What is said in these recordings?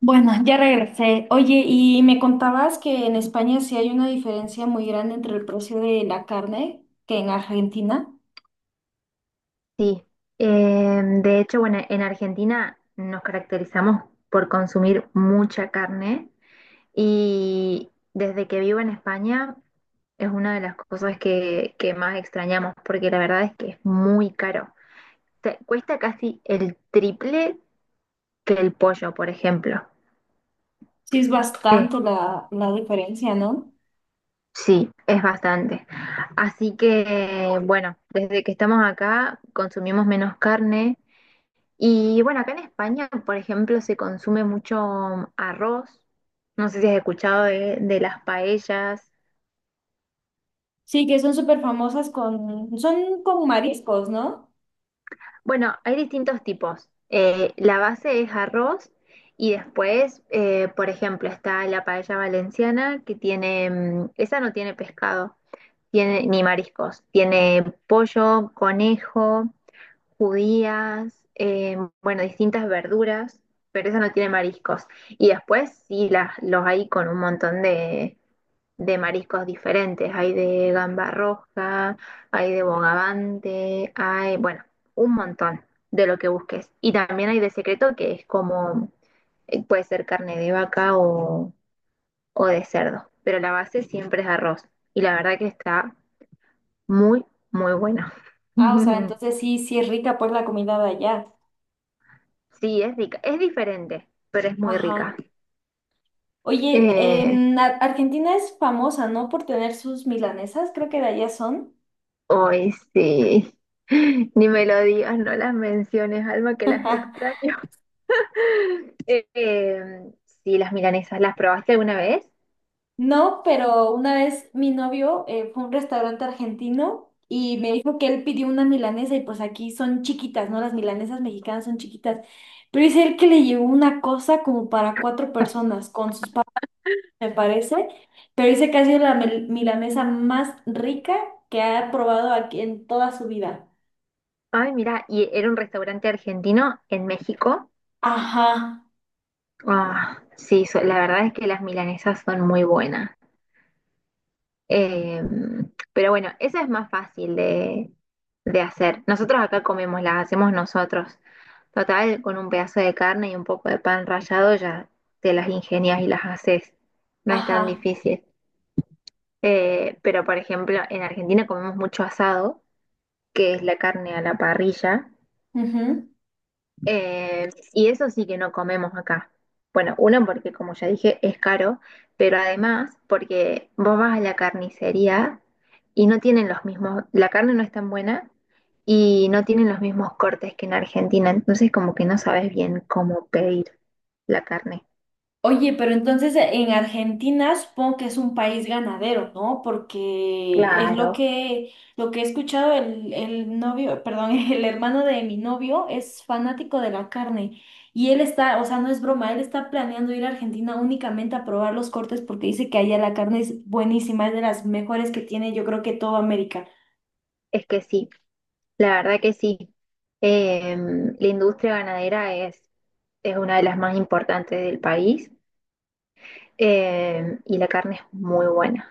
Bueno, ya regresé. Oye, y me contabas que en España sí hay una diferencia muy grande entre el precio de la carne que en Argentina. Sí. De hecho, bueno, en Argentina nos caracterizamos por consumir mucha carne y desde que vivo en España es una de las cosas que más extrañamos porque la verdad es que es muy caro. Te cuesta casi el triple que el pollo, por ejemplo. Sí es Eh, bastante la diferencia, ¿no? sí, es bastante. Así que, bueno, desde que estamos acá consumimos menos carne. Y bueno, acá en España, por ejemplo, se consume mucho arroz. No sé si has escuchado de las paellas. Sí, que son súper famosas con, son con mariscos, ¿no? Bueno, hay distintos tipos. La base es arroz y después, por ejemplo, está la paella valenciana que tiene, esa no tiene pescado, tiene ni mariscos. Tiene pollo, conejo, judías, bueno, distintas verduras, pero esa no tiene mariscos. Y después sí, los hay con un montón de mariscos diferentes. Hay de gamba roja, hay de bogavante, hay, bueno, un montón de lo que busques. Y también hay de secreto que es como, puede ser carne de vaca o de cerdo, pero la base siempre es arroz. Y la verdad que está muy, muy buena. Ah, o sea, entonces sí, sí es rica pues la comida de allá. Sí, es rica, es diferente, pero es muy Ajá. rica. Oye, Eh, en Argentina es famosa, ¿no? Por tener sus milanesas, creo que de allá son. hoy sí. Ni me lo digas, no las menciones, Alma, que las extraño. Eh, eh, sí, las milanesas, ¿las probaste alguna vez? No, pero una vez mi novio fue a un restaurante argentino y me dijo que él pidió una milanesa y pues aquí son chiquitas, ¿no? Las milanesas mexicanas son chiquitas. Pero dice él que le llevó una cosa como para cuatro personas con sus papas, me parece. Pero dice que ha sido la milanesa más rica que ha probado aquí en toda su vida. Ay, mira, y era un restaurante argentino en México. Ajá, Ah, sí, la verdad es que las milanesas son muy buenas. Eh, pero bueno, esa es más fácil de hacer. Nosotros acá comemos, las hacemos nosotros. Total, con un pedazo de carne y un poco de pan rallado ya te las ingenias y las haces. No es tan ajá. difícil. Pero por ejemplo, en Argentina comemos mucho asado, que es la carne a la parrilla. Ujú. Y eso sí que no comemos acá. Bueno, uno porque como ya dije es caro, pero además porque vos vas a la carnicería y no tienen los mismos, la carne no es tan buena y no tienen los mismos cortes que en Argentina, entonces como que no sabes bien cómo pedir la carne. Oye, pero entonces en Argentina supongo que es un país ganadero, ¿no? Porque es Claro. Lo que he escuchado, el novio, perdón, el hermano de mi novio es fanático de la carne y él está, o sea, no es broma, él está planeando ir a Argentina únicamente a probar los cortes porque dice que allá la carne es buenísima, es de las mejores que tiene, yo creo que toda América. Es que sí, la verdad que sí. La industria ganadera es una de las más importantes del país, y la carne es muy buena.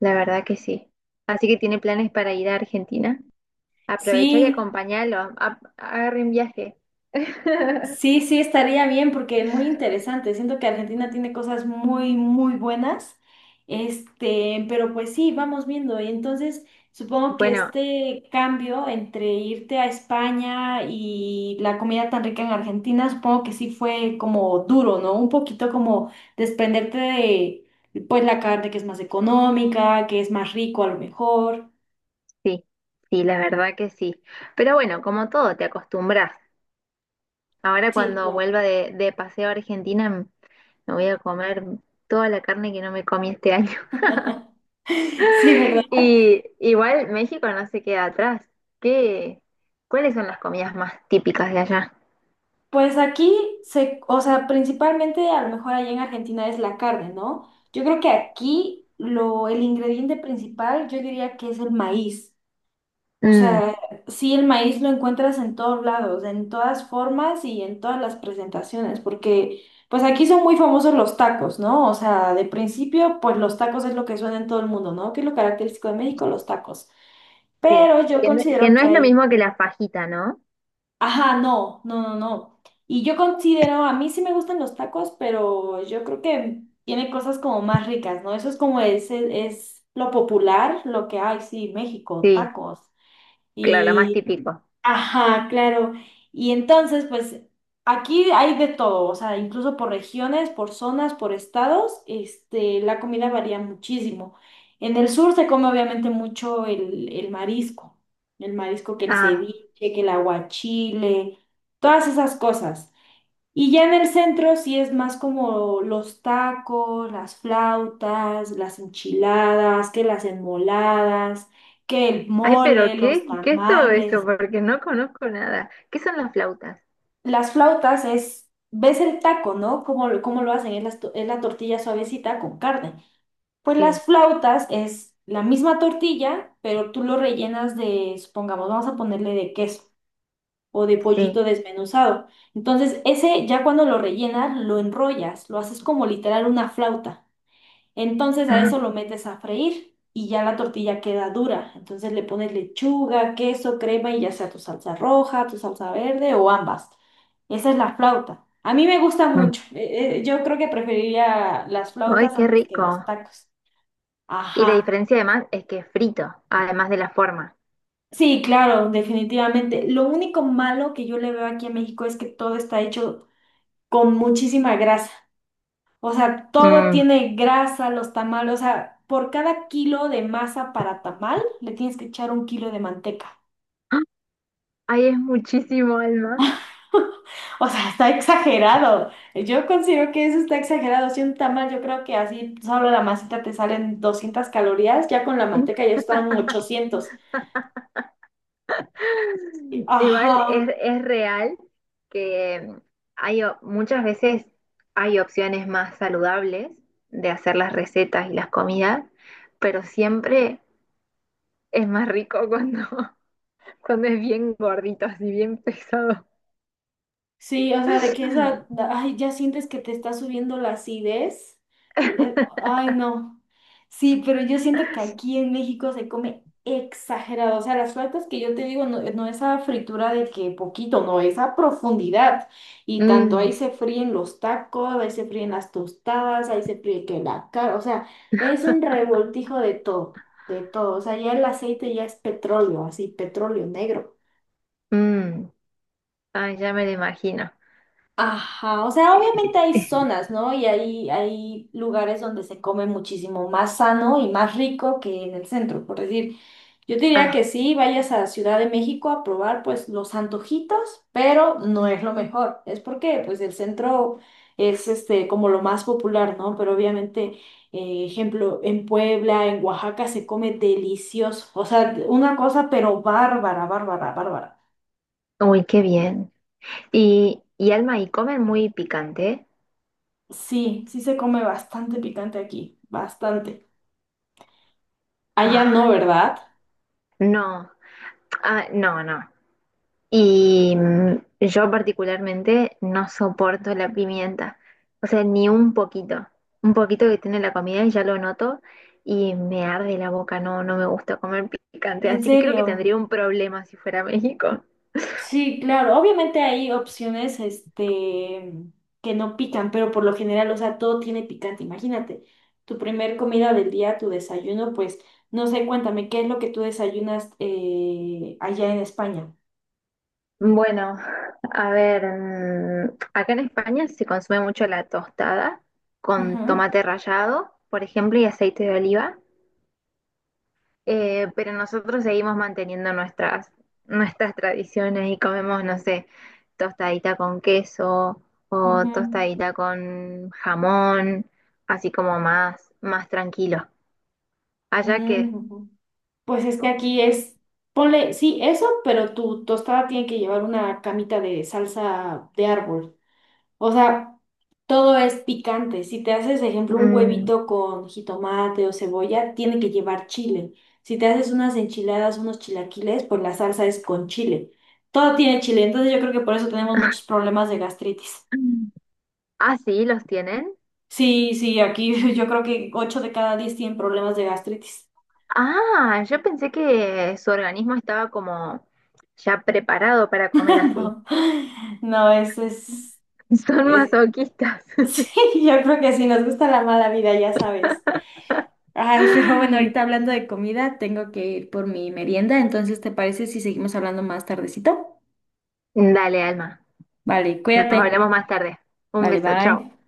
La verdad que sí. Así que tiene planes para ir a Argentina. Aprovecha y Sí. acompáñalo. Agarre un viaje. Sí, sí, estaría bien porque es muy interesante. Siento que Argentina tiene cosas muy, muy buenas. Este, pero pues sí, vamos viendo. Y entonces supongo que Bueno, este cambio entre irte a España y la comida tan rica en Argentina, supongo que sí fue como duro, ¿no? Un poquito como desprenderte de, pues, la carne que es más económica, que es más rico a lo mejor. sí, sí, la verdad que sí. Pero bueno, como todo, te acostumbras. Ahora Sí, cuando claro. vuelva de paseo a Argentina, me voy a comer toda la carne que no me comí este año. Sí, ¿verdad? Y igual México no se queda atrás. ¿Qué? ¿Cuáles son las comidas más típicas de allá? Pues aquí se, o sea, principalmente a lo mejor allá en Argentina es la carne, ¿no? Yo creo que aquí lo, el ingrediente principal yo diría que es el maíz. O Mm, sea, sí, el maíz lo encuentras en todos lados, en todas formas y en todas las presentaciones, porque pues aquí son muy famosos los tacos, ¿no? O sea, de principio, pues los tacos es lo que suena en todo el mundo, ¿no? Que es lo característico de México, los tacos. sí, Pero yo que considero no que es lo hay. mismo que la fajita, ¿no? Ajá, no, no, no, no. Y yo considero, a mí sí me gustan los tacos, pero yo creo que tiene cosas como más ricas, ¿no? Eso es como es, es lo popular, lo que hay, sí, México, Sí. tacos. Claro, la más típico. Ajá, claro. Y entonces, pues aquí hay de todo, o sea, incluso por regiones, por zonas, por estados, este, la comida varía muchísimo. En el sur se come obviamente mucho el marisco, el marisco que el Ah, ceviche, que el aguachile, todas esas cosas. Y ya en el centro sí es más como los tacos, las flautas, las enchiladas, que las enmoladas, que el ay, mole, pero los ¿qué? ¿Qué es todo eso? tamales. Porque no conozco nada. ¿Qué son las flautas? Las flautas es, ves el taco, ¿no? ¿Cómo, cómo lo hacen? Es la tortilla suavecita con carne. Pues Sí, las flautas es la misma tortilla, pero tú lo rellenas de, supongamos, vamos a ponerle de queso o de pollito sí. desmenuzado. Entonces, ese ya cuando lo rellenas, lo enrollas, lo haces como literal una flauta. Entonces a Ah, eso lo metes a freír y ya la tortilla queda dura. Entonces le pones lechuga, queso, crema y ya sea tu salsa roja, tu salsa verde o ambas. Esa es la flauta. A mí me gusta mm. mucho. Yo creo que preferiría las Ay, flautas qué antes que los rico. tacos. Y la Ajá. diferencia además es que es frito, además de la forma. Sí, claro, definitivamente. Lo único malo que yo le veo aquí en México es que todo está hecho con muchísima grasa. O sea, todo Mm. tiene grasa, los tamales, o sea, por cada kilo de masa para tamal le tienes que echar un kilo de manteca. Ah. Ay, es muchísimo, Alma. O sea, está exagerado. Yo considero que eso está exagerado. Si un tamal, yo creo que así solo la masita te salen 200 calorías, ya con la manteca ya están 800. Ajá, Igual es real que hay muchas veces hay opciones más saludables de hacer las recetas y las comidas, pero siempre es más rico cuando cuando es bien gordito, así bien pesado. sí, o sea, de que esa, ay, ya sientes que te está subiendo la acidez. Y, ay, no. Sí, pero yo siento que aquí en México se come exagerado. O sea, las flautas que yo te digo, no, no es a fritura de que poquito, no, es a profundidad. Y tanto ahí Mm, se fríen los tacos, ahí se fríen las tostadas, ahí se fríe que la cara. O sea, es un revoltijo de todo, de todo. O sea, ya el aceite ya es petróleo, así, petróleo negro. mm. Ay, ya me lo imagino. Ajá, o sea, obviamente hay Eh, zonas, ¿no? Y hay lugares donde se come muchísimo más sano y más rico que en el centro, por decir. Yo te diría que ah, sí, vayas a Ciudad de México a probar pues los antojitos, pero no es lo mejor. Es porque pues el centro es este como lo más popular, ¿no? Pero obviamente, ejemplo, en Puebla, en Oaxaca se come delicioso. O sea, una cosa pero bárbara, bárbara, bárbara. uy, qué bien. Y Alma, ¿y comen muy picante? Sí, sí se come bastante picante aquí, bastante. Allá Ah, no, ¿verdad? no, ah, no, no. Y yo particularmente no soporto la pimienta. O sea, ni un poquito. Un poquito que tiene la comida y ya lo noto y me arde la boca. No, no me gusta comer picante. En Así que creo que serio, tendría un problema si fuera a México. sí, claro. Obviamente hay opciones, este, que no pican, pero por lo general, o sea, todo tiene picante. Imagínate, tu primer comida del día, tu desayuno, pues, no sé, cuéntame, ¿qué es lo que tú desayunas allá en España? Bueno, a ver, acá en España se consume mucho la tostada con Ujú, tomate rallado, por ejemplo, y aceite de oliva, pero nosotros seguimos manteniendo nuestras tradiciones y comemos, no sé, tostadita con queso o ujú, tostadita con jamón, así como más, más tranquilo. Allá que... mm, ujú. Pues es que aquí es, ponle, sí, eso, pero tu tostada tiene que llevar una camita de salsa de árbol. O sea, todo es picante. Si te haces, ejemplo, un mm. huevito con jitomate o cebolla, tiene que llevar chile. Si te haces unas enchiladas, unos chilaquiles, pues la salsa es con chile. Todo tiene chile. Entonces yo creo que por eso tenemos muchos problemas de gastritis. Ah, sí, los tienen. Sí, sí, aquí yo creo que 8 de cada 10 tienen problemas de gastritis. Ah, yo pensé que su organismo estaba como ya preparado para comer así. No, no, es, es, Son es... masoquistas. Sí, yo creo que si nos gusta la mala vida, ya sabes. Ay, pero bueno, ahorita hablando de comida, tengo que ir por mi merienda, entonces ¿te parece si seguimos hablando más tardecito? Dale, Alma. Vale, Nos cuídate. hablamos más tarde. Un Vale, beso, chao. bye.